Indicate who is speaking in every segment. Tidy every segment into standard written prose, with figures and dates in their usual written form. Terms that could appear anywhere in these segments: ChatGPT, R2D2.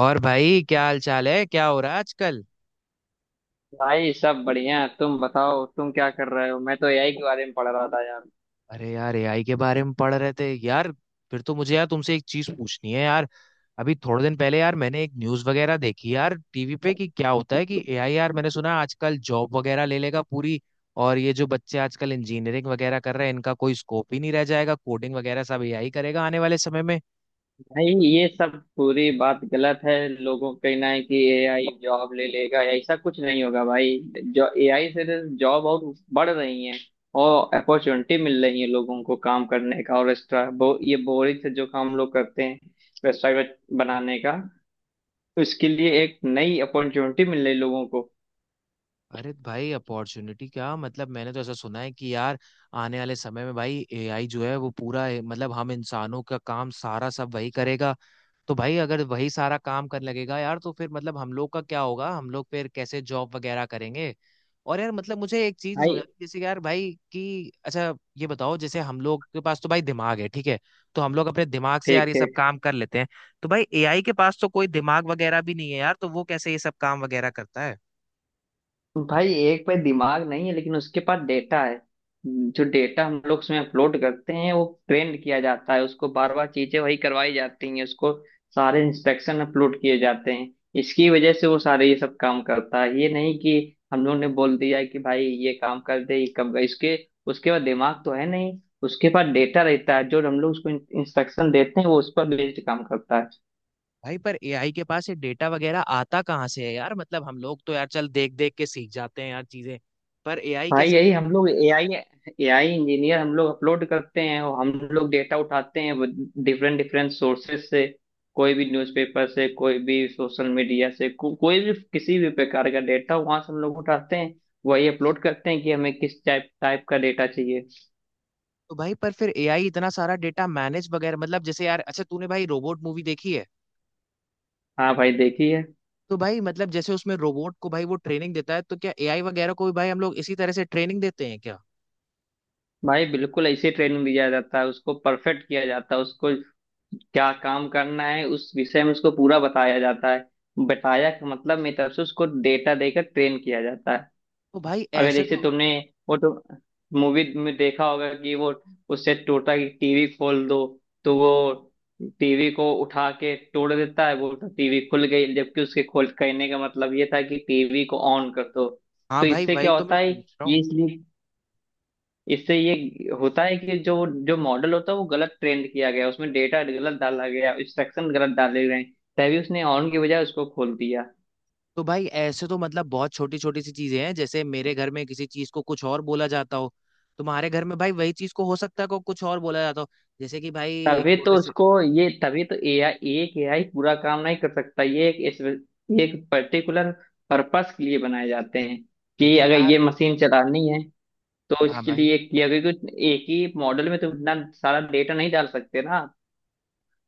Speaker 1: और भाई, क्या हाल चाल है? क्या हो रहा है आजकल?
Speaker 2: भाई सब बढ़िया है। तुम बताओ तुम क्या कर रहे हो, मैं तो एआई के बारे में पढ़ रहा था यार।
Speaker 1: अरे यार, एआई के बारे में पढ़ रहे थे यार। फिर तो मुझे यार तुमसे एक चीज पूछनी है यार। अभी थोड़े दिन पहले यार मैंने एक न्यूज वगैरह देखी यार टीवी पे कि क्या होता है कि एआई, यार मैंने सुना आजकल जॉब वगैरह ले लेगा पूरी। और ये जो बच्चे आजकल इंजीनियरिंग वगैरह कर रहे हैं, इनका कोई स्कोप ही नहीं रह जाएगा, कोडिंग वगैरह सब एआई करेगा आने वाले समय में।
Speaker 2: भाई ये सब पूरी बात गलत है, लोगों का कहना है कि एआई जॉब ले लेगा, ऐसा कुछ नहीं होगा भाई। जो एआई से तो जॉब और बढ़ रही है, और अपॉर्चुनिटी मिल रही है लोगों को काम करने का। और एक्स्ट्रा ये बोरिंग से जो काम लोग करते हैं, वेबसाइट बनाने का, उसके लिए एक नई अपॉर्चुनिटी मिल रही है लोगों को।
Speaker 1: अरे भाई, अपॉर्चुनिटी क्या मतलब? मैंने तो ऐसा सुना है कि यार आने वाले समय में भाई एआई जो है वो पूरा मतलब हम इंसानों का काम सारा सब वही करेगा। तो भाई अगर वही सारा काम करने लगेगा यार, तो फिर मतलब हम लोग का क्या होगा? हम लोग फिर कैसे जॉब वगैरह करेंगे? और यार मतलब मुझे एक चीज नहीं समझ
Speaker 2: भाई
Speaker 1: आती, जैसे कि यार भाई कि अच्छा ये बताओ, जैसे हम लोग के पास तो भाई दिमाग है, ठीक है। तो हम लोग अपने दिमाग से यार
Speaker 2: ठीक
Speaker 1: ये सब
Speaker 2: ठीक।
Speaker 1: काम कर लेते हैं। तो भाई एआई के पास तो कोई दिमाग वगैरह भी नहीं है यार, तो वो कैसे ये सब काम वगैरह करता है?
Speaker 2: भाई एक पे दिमाग नहीं है, लेकिन उसके पास डेटा है। जो डेटा हम लोग उसमें अपलोड करते हैं वो ट्रेंड किया जाता है, उसको बार बार चीजें वही करवाई जाती हैं, उसको सारे इंस्ट्रक्शन अपलोड किए जाते हैं। इसकी वजह से वो सारे ये सब काम करता है। ये नहीं कि हम लोग ने बोल दिया है कि भाई ये काम कर दे, ये कब इसके उसके बाद। दिमाग तो है नहीं, उसके पास डेटा रहता है, जो हम लोग उसको इंस्ट्रक्शन देते हैं वो उस पर बेस्ड काम करता है।
Speaker 1: भाई पर एआई के पास ये डेटा वगैरह आता कहाँ से है यार? मतलब हम लोग तो यार चल देख देख के सीख जाते हैं यार चीजें। पर एआई
Speaker 2: भाई
Speaker 1: कैसे?
Speaker 2: यही हम लोग एआई, एआई इंजीनियर हम लोग अपलोड करते हैं, और हम लोग डेटा उठाते हैं डिफरेंट डिफरेंट सोर्सेस से। कोई भी न्यूज़पेपर से, कोई भी सोशल मीडिया से, कोई भी किसी भी प्रकार का डेटा वहां से हम लोग उठाते हैं। वही अपलोड करते हैं कि हमें किस टाइप टाइप का डेटा चाहिए।
Speaker 1: तो भाई पर फिर एआई इतना सारा डेटा मैनेज वगैरह, मतलब जैसे यार, अच्छा तूने भाई रोबोट मूवी देखी है?
Speaker 2: हाँ भाई, देखिए।
Speaker 1: तो भाई मतलब जैसे उसमें रोबोट को भाई वो ट्रेनिंग देता है, तो क्या एआई वगैरह को भी भाई हम लोग इसी तरह से ट्रेनिंग देते हैं क्या?
Speaker 2: भाई बिल्कुल ऐसे ट्रेनिंग दिया जाता है, उसको परफेक्ट किया जाता है, उसको क्या काम करना है उस विषय में उसको पूरा बताया जाता है। बताया का मतलब मेरी तरफ से उसको डेटा देकर ट्रेन किया जाता है।
Speaker 1: तो भाई
Speaker 2: अगर
Speaker 1: ऐसे
Speaker 2: जैसे
Speaker 1: तो।
Speaker 2: तुमने वो तो मूवी में देखा होगा कि वो उससे टोटता है कि टीवी खोल दो, तो वो टीवी को उठा के तोड़ देता है। वो तो टीवी खुल गई, जबकि उसके खोल कहने का मतलब ये था कि टीवी को ऑन कर दो।
Speaker 1: हाँ
Speaker 2: तो
Speaker 1: भाई,
Speaker 2: इससे
Speaker 1: वही
Speaker 2: क्या
Speaker 1: तो
Speaker 2: होता
Speaker 1: मैं
Speaker 2: है,
Speaker 1: पूछ रहा
Speaker 2: ये
Speaker 1: हूँ।
Speaker 2: इसलिए इससे ये होता है कि जो जो मॉडल होता है वो गलत ट्रेंड किया गया, उसमें डेटा गलत डाला गया, इंस्ट्रक्शन गलत डाले गए, तभी उसने ऑन की बजाय उसको खोल दिया।
Speaker 1: तो भाई ऐसे तो मतलब बहुत छोटी छोटी सी चीजें हैं, जैसे मेरे घर में किसी चीज को कुछ और बोला जाता हो, तुम्हारे घर में भाई वही चीज को हो सकता है को कुछ और बोला जाता हो। जैसे कि भाई एक
Speaker 2: तभी
Speaker 1: छोटे
Speaker 2: तो
Speaker 1: से।
Speaker 2: उसको ये, तभी तो एआई, एक एआई पूरा काम नहीं कर सकता, ये एक ये एक पर्टिकुलर पर्पस के लिए बनाए जाते हैं, कि
Speaker 1: लेकिन
Speaker 2: अगर ये
Speaker 1: यार,
Speaker 2: मशीन चलानी है तो
Speaker 1: हाँ
Speaker 2: इसके
Speaker 1: भाई।
Speaker 2: लिए। कि अगर कुछ एक ही मॉडल में तो इतना सारा डेटा नहीं डाल सकते ना।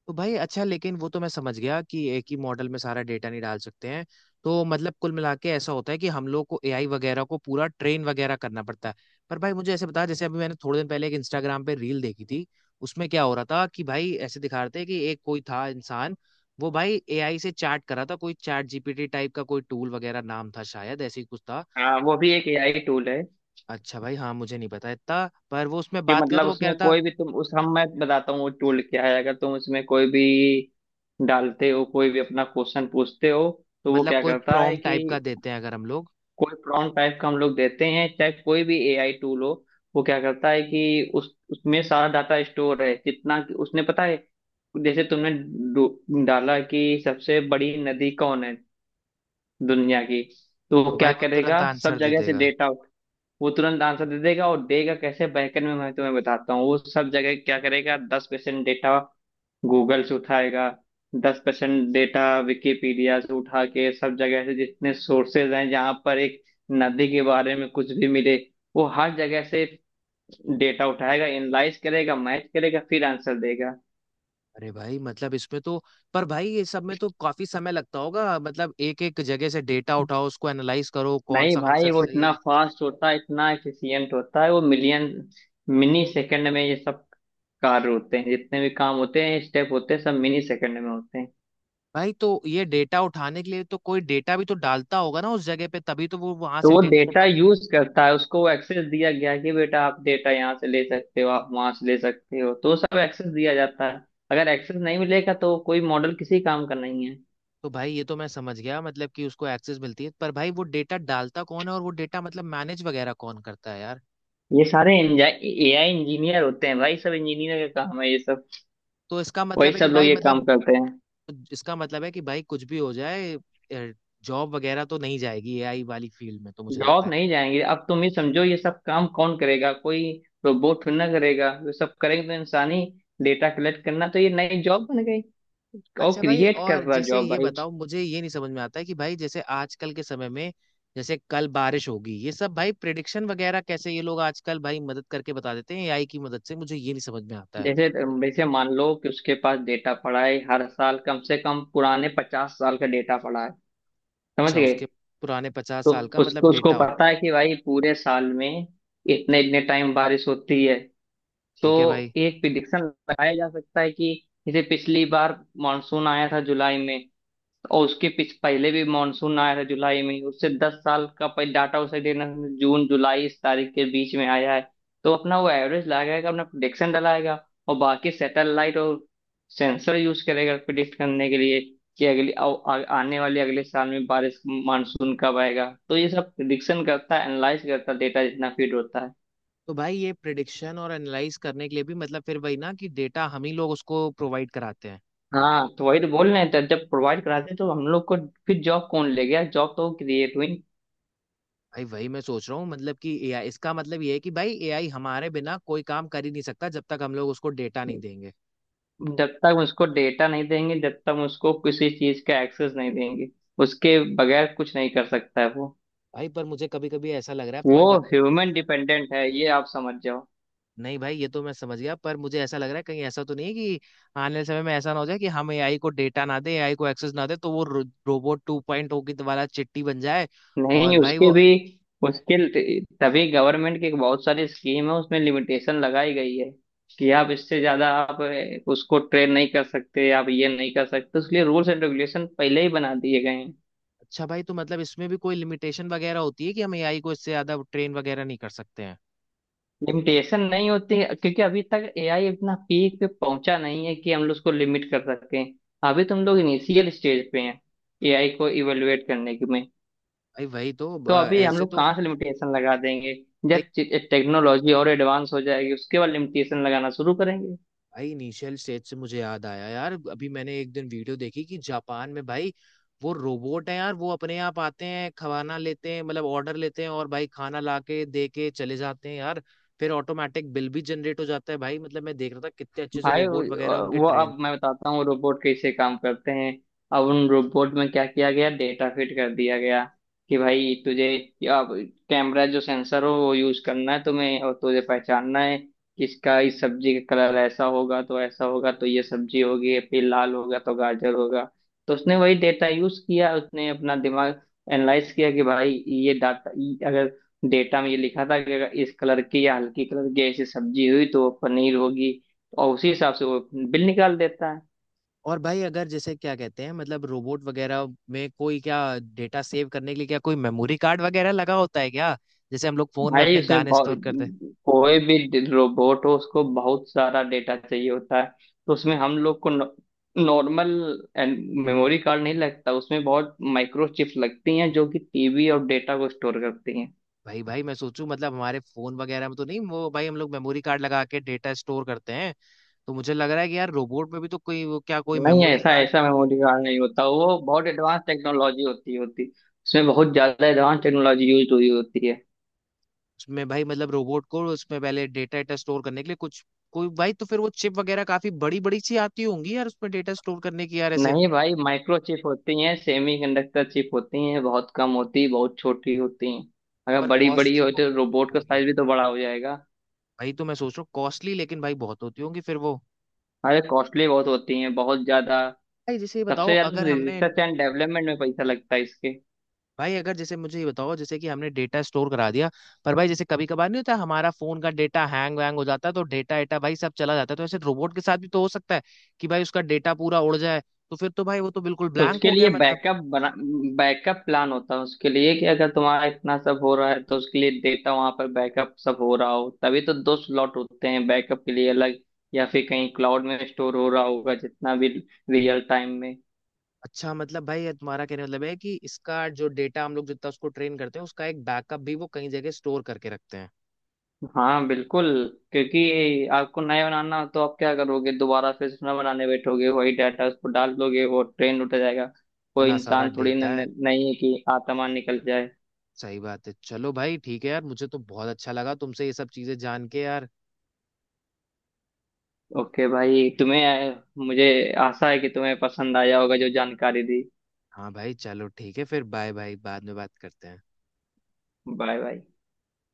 Speaker 1: तो भाई अच्छा, लेकिन वो तो मैं समझ गया कि एक ही मॉडल में सारा डेटा नहीं डाल सकते हैं। तो मतलब कुल मिला के ऐसा होता है कि हम लोग को एआई वगैरह को पूरा ट्रेन वगैरह करना पड़ता है। पर भाई मुझे ऐसे बता, जैसे अभी मैंने थोड़े दिन पहले एक इंस्टाग्राम पे रील देखी थी। उसमें क्या हो रहा था कि भाई ऐसे दिखा रहे थे कि एक कोई था इंसान। वो भाई एआई से चैट कर रहा था, कोई चैट जीपीटी टाइप का कोई टूल वगैरह नाम था शायद, ऐसे ही कुछ था।
Speaker 2: हाँ, वो भी एक एआई टूल है।
Speaker 1: अच्छा भाई, हाँ, मुझे नहीं पता इतना, पर वो उसमें
Speaker 2: कि
Speaker 1: बात किया तो
Speaker 2: मतलब
Speaker 1: वो कह
Speaker 2: उसमें
Speaker 1: रहा था,
Speaker 2: कोई भी, तुम उस हम मैं बताता हूँ वो टूल क्या है। अगर तुम उसमें कोई भी डालते हो, कोई भी अपना क्वेश्चन पूछते हो, तो वो
Speaker 1: मतलब
Speaker 2: क्या
Speaker 1: कोई
Speaker 2: करता है
Speaker 1: प्रॉम्प्ट
Speaker 2: कि,
Speaker 1: टाइप का देते हैं अगर हम लोग।
Speaker 2: कोई प्रॉम्प्ट टाइप का हम लोग देते हैं, चाहे कोई भी एआई टूल हो, वो क्या करता है कि उस उसमें सारा डाटा स्टोर है जितना कि उसने पता है। जैसे तुमने डाला कि सबसे बड़ी नदी कौन है दुनिया की, तो वो
Speaker 1: तो भाई
Speaker 2: क्या
Speaker 1: वो तुरंत
Speaker 2: करेगा, सब
Speaker 1: आंसर दे
Speaker 2: जगह से
Speaker 1: देगा?
Speaker 2: डेटा, वो तुरंत आंसर दे देगा। और देगा कैसे, बैकएंड में मैं तुम्हें बताता हूँ। वो सब जगह क्या करेगा, 10% डेटा गूगल से उठाएगा, 10% डेटा विकिपीडिया से उठा के, सब जगह से जितने सोर्सेज हैं जहाँ पर एक नदी के बारे में कुछ भी मिले, वो हर जगह से डेटा उठाएगा, एनालाइज करेगा, मैच करेगा, फिर आंसर देगा।
Speaker 1: अरे भाई मतलब इसमें तो। पर भाई ये सब में तो काफी समय लगता होगा, मतलब एक एक जगह से डेटा उठाओ, उसको एनालाइज करो, कौन
Speaker 2: नहीं
Speaker 1: सा आंसर
Speaker 2: भाई, वो
Speaker 1: सही
Speaker 2: इतना
Speaker 1: है।
Speaker 2: फास्ट होता है, इतना एफिशिएंट होता है, वो मिलियन मिनी सेकंड में ये सब कार्य होते हैं, जितने भी काम होते हैं, स्टेप होते हैं, सब मिनी सेकंड में होते हैं।
Speaker 1: भाई तो ये डेटा उठाने के लिए तो कोई डेटा भी तो डालता होगा ना उस जगह पे, तभी तो वो वहां
Speaker 2: तो
Speaker 1: से
Speaker 2: वो
Speaker 1: डेटा
Speaker 2: डेटा
Speaker 1: उठा के।
Speaker 2: यूज करता है, उसको वो एक्सेस दिया गया है कि बेटा आप डेटा यहाँ से ले सकते हो, आप वहां से ले सकते हो, तो वो सब एक्सेस दिया जाता है। अगर एक्सेस नहीं मिलेगा तो कोई मॉडल किसी काम का नहीं है।
Speaker 1: तो भाई ये तो मैं समझ गया मतलब कि उसको एक्सेस मिलती है, पर भाई वो डेटा डालता कौन है और वो डेटा मतलब मैनेज वगैरह कौन करता है यार?
Speaker 2: ये सारे एआई इंजीनियर होते हैं भाई, सब इंजीनियर का काम है ये सब।
Speaker 1: तो इसका
Speaker 2: वही
Speaker 1: मतलब है कि
Speaker 2: सब लोग
Speaker 1: भाई
Speaker 2: ये काम
Speaker 1: मतलब,
Speaker 2: करते हैं।
Speaker 1: इसका मतलब है कि भाई कुछ भी हो जाए, जॉब वगैरह तो नहीं जाएगी एआई वाली फील्ड में तो मुझे लगता
Speaker 2: जॉब
Speaker 1: है।
Speaker 2: नहीं जाएंगे, अब तुम ही समझो ये सब काम कौन करेगा, कोई रोबोट थोड़ी ना करेगा, ये सब करेंगे तो इंसान ही। डेटा कलेक्ट करना तो ये नई जॉब बन गई। और
Speaker 1: अच्छा भाई,
Speaker 2: क्रिएट कर
Speaker 1: और
Speaker 2: रहा
Speaker 1: जैसे
Speaker 2: जॉब
Speaker 1: ये
Speaker 2: भाई।
Speaker 1: बताओ, मुझे ये नहीं समझ में आता है कि भाई जैसे आजकल के समय में, जैसे कल बारिश होगी, ये सब भाई प्रिडिक्शन वगैरह कैसे ये लोग आजकल भाई मदद करके बता देते हैं एआई की मदद से, मुझे ये नहीं समझ में आता है।
Speaker 2: जैसे जैसे मान लो कि उसके पास डेटा पड़ा है, हर साल कम से कम पुराने 50 साल का डेटा पड़ा है, समझ
Speaker 1: अच्छा
Speaker 2: गए।
Speaker 1: उसके पुराने पचास
Speaker 2: तो
Speaker 1: साल का मतलब
Speaker 2: उसको उसको
Speaker 1: डेटा होता
Speaker 2: पता है कि भाई पूरे साल में इतने इतने टाइम बारिश होती है।
Speaker 1: है?
Speaker 2: तो
Speaker 1: ठीक है भाई।
Speaker 2: एक प्रिडिक्शन लगाया जा सकता है कि, जैसे पिछली बार मानसून आया था जुलाई में, और उसके पीछ पहले भी मानसून आया है जुलाई में ही। उससे 10 साल का पहले डाटा उसे देना, जून जुलाई इस तारीख के बीच में आया है। तो अपना वो एवरेज लगाएगा, अपना प्रिडिक्शन डलाएगा, और बाकी सैटेलाइट और सेंसर यूज करेगा प्रिडिक्ट करने के लिए कि अगली आ, आ, आने वाले अगले साल में बारिश मानसून कब आएगा। तो ये सब प्रिडिक्शन करता है, एनालाइज करता है, डेटा जितना फीड होता है।
Speaker 1: तो भाई ये प्रिडिक्शन और एनालाइज करने के लिए भी मतलब फिर वही ना, कि डेटा हम ही लोग उसको प्रोवाइड कराते हैं।
Speaker 2: हाँ, तो वही तो बोल रहे हैं, तो जब प्रोवाइड कराते हैं, तो हम लोग को फिर जॉब कौन ले गया, जॉब तो क्रिएट हुई।
Speaker 1: भाई वही मैं सोच रहा हूँ, मतलब कि एआई, इसका मतलब ये है कि भाई एआई हमारे बिना कोई काम कर ही नहीं सकता जब तक हम लोग उसको डेटा नहीं देंगे।
Speaker 2: जब तक उसको डेटा नहीं देंगे, जब तक उसको किसी चीज का एक्सेस नहीं देंगे, उसके बगैर कुछ नहीं कर सकता है वो।
Speaker 1: भाई पर मुझे कभी कभी ऐसा लग रहा है
Speaker 2: वो
Speaker 1: तुम्हारी।
Speaker 2: ह्यूमन डिपेंडेंट है, ये आप समझ जाओ।
Speaker 1: नहीं भाई, ये तो मैं समझ गया, पर मुझे ऐसा लग रहा है कहीं ऐसा तो नहीं है कि आने वाले समय में ऐसा ना हो जाए कि हम एआई को डेटा ना दे, एआई को एक्सेस ना दे, तो वो रोबोट 2.0 की वाला चिट्टी बन जाए। और
Speaker 2: नहीं,
Speaker 1: भाई
Speaker 2: उसके
Speaker 1: वो।
Speaker 2: भी उसके तभी गवर्नमेंट की बहुत सारी स्कीम है, उसमें लिमिटेशन लगाई गई है कि आप इससे ज्यादा आप उसको ट्रेन नहीं कर सकते, आप ये नहीं कर सकते, उसके लिए रूल्स एंड रेगुलेशन पहले ही बना दिए गए हैं।
Speaker 1: अच्छा भाई, तो मतलब इसमें भी कोई लिमिटेशन वगैरह होती है कि हम एआई को इससे ज्यादा ट्रेन वगैरह नहीं कर सकते हैं?
Speaker 2: लिमिटेशन नहीं होती है, क्योंकि अभी तक एआई इतना पीक पे पहुंचा नहीं है कि हम लोग उसको लिमिट कर सकें। अभी तुम लोग इनिशियल स्टेज पे हैं एआई को इवेलुएट करने की में।
Speaker 1: भाई वही तो
Speaker 2: तो अभी हम
Speaker 1: ऐसे
Speaker 2: लोग
Speaker 1: तो।
Speaker 2: कहाँ से लिमिटेशन लगा देंगे। जब टेक्नोलॉजी और एडवांस हो जाएगी उसके बाद लिमिटेशन लगाना शुरू करेंगे।
Speaker 1: भाई इनिशियल स्टेज से मुझे याद आया यार, अभी मैंने एक दिन वीडियो देखी कि जापान में भाई वो रोबोट है यार, वो अपने आप आते हैं खाना लेते हैं, मतलब ऑर्डर लेते हैं और भाई खाना लाके दे के चले जाते हैं यार। फिर ऑटोमेटिक बिल भी जनरेट हो जाता है भाई। मतलब मैं देख रहा था कितने अच्छे से
Speaker 2: भाई वो
Speaker 1: रोबोट वगैरह उनके
Speaker 2: वो
Speaker 1: ट्रेन।
Speaker 2: अब मैं बताता हूँ रोबोट कैसे काम करते हैं। अब उन रोबोट में क्या किया गया, डेटा फिट कर दिया गया कि भाई तुझे, अब कैमरा जो सेंसर हो वो यूज करना है तुम्हें, और तुझे पहचानना है किसका। इस सब्जी का कलर ऐसा होगा तो ये सब्जी होगी, फिर लाल होगा तो गाजर होगा। तो उसने वही डेटा यूज किया, उसने अपना दिमाग एनालाइज किया कि भाई ये डाटा, अगर डेटा में ये लिखा था कि अगर इस कलर की या हल्की कलर की ऐसी सब्जी हुई तो वो पनीर होगी, और उसी हिसाब से वो बिल निकाल देता है।
Speaker 1: और भाई, अगर जैसे क्या कहते हैं, मतलब रोबोट वगैरह में कोई क्या डेटा सेव करने के लिए क्या कोई मेमोरी कार्ड वगैरह लगा होता है क्या? जैसे हम लोग फोन में
Speaker 2: भाई
Speaker 1: अपने
Speaker 2: उसमें
Speaker 1: गाने स्टोर करते हैं।
Speaker 2: कोई भी रोबोट हो उसको बहुत सारा डेटा चाहिए होता है। तो उसमें हम लोग को नॉर्मल मेमोरी कार्ड नहीं लगता, उसमें बहुत माइक्रो चिप्स लगती हैं जो कि टीबी और डेटा को स्टोर करती हैं।
Speaker 1: भाई भाई मैं सोचूं मतलब हमारे फोन वगैरह में तो नहीं वो, भाई हम लोग मेमोरी कार्ड लगा के डेटा स्टोर करते हैं। तो मुझे लग रहा है कि यार रोबोट में भी तो कोई वो क्या कोई
Speaker 2: नहीं,
Speaker 1: मेमोरी
Speaker 2: ऐसा
Speaker 1: कार्ड।
Speaker 2: ऐसा मेमोरी कार्ड नहीं होता, वो बहुत एडवांस टेक्नोलॉजी होती होती। उसमें बहुत ज्यादा एडवांस टेक्नोलॉजी यूज हुई होती है।
Speaker 1: में भाई मतलब रोबोट को उसमें पहले डेटा डेटा स्टोर करने के लिए कुछ कोई भाई, तो फिर वो चिप वगैरह काफी बड़ी बड़ी सी आती होंगी यार उसमें डेटा स्टोर करने की यार ऐसे।
Speaker 2: नहीं भाई, माइक्रोचिप होती हैं, सेमीकंडक्टर चिप होती हैं, बहुत कम होती, बहुत छोटी होती हैं। अगर
Speaker 1: पर
Speaker 2: बड़ी बड़ी हो
Speaker 1: कॉस्टली
Speaker 2: तो रोबोट का
Speaker 1: होंगी।
Speaker 2: साइज भी तो बड़ा हो जाएगा।
Speaker 1: भाई तो मैं सोच रहा हूँ कॉस्टली लेकिन भाई बहुत होती होंगी फिर वो।
Speaker 2: अरे कॉस्टली बहुत होती हैं, बहुत ज्यादा।
Speaker 1: भाई जैसे ये बताओ,
Speaker 2: सबसे ज्यादा
Speaker 1: अगर हमने,
Speaker 2: रिसर्च एंड डेवलपमेंट में पैसा लगता है इसके।
Speaker 1: भाई अगर जैसे मुझे ये बताओ, जैसे कि हमने डेटा स्टोर करा दिया, पर भाई जैसे कभी कभार नहीं होता हमारा फोन का डेटा हैंग वैंग हो जाता है तो डेटा एटा भाई सब चला जाता है, तो ऐसे रोबोट के साथ भी तो हो सकता है कि भाई उसका डेटा पूरा उड़ जाए। तो फिर तो भाई वो तो बिल्कुल
Speaker 2: तो
Speaker 1: ब्लैंक
Speaker 2: उसके
Speaker 1: हो
Speaker 2: लिए
Speaker 1: गया मतलब।
Speaker 2: बैकअप बना, बैकअप प्लान होता है उसके लिए, कि अगर तुम्हारा इतना सब हो रहा है तो उसके लिए डेटा वहां पर बैकअप सब हो रहा हो, तभी तो दो स्लॉट होते हैं बैकअप के लिए अलग, या फिर कहीं क्लाउड में स्टोर हो रहा होगा जितना भी रियल टाइम में।
Speaker 1: अच्छा, मतलब भाई ये तुम्हारा कहने का मतलब है कि इसका जो डेटा हम लोग जितना उसको ट्रेन करते हैं उसका एक बैकअप भी वो कहीं जगह स्टोर करके रखते हैं?
Speaker 2: हाँ बिल्कुल। क्योंकि आपको नया बनाना, तो आप क्या करोगे, दोबारा फिर से नया बनाने बैठोगे, वही डाटा उसको डाल दोगे, वो ट्रेंड उठ जाएगा।
Speaker 1: इतना
Speaker 2: कोई
Speaker 1: सारा
Speaker 2: इंसान थोड़ी न,
Speaker 1: डेटा है।
Speaker 2: न, नहीं है कि आत्मा निकल जाए।
Speaker 1: सही बात है, चलो भाई ठीक है यार, मुझे तो बहुत अच्छा लगा तुमसे ये सब चीजें जान के यार।
Speaker 2: ओके भाई, तुम्हें, मुझे आशा है कि तुम्हें पसंद आया होगा जो जानकारी दी।
Speaker 1: हाँ भाई चलो ठीक है फिर, बाय बाय, बाद में बात करते हैं।
Speaker 2: Bye bye.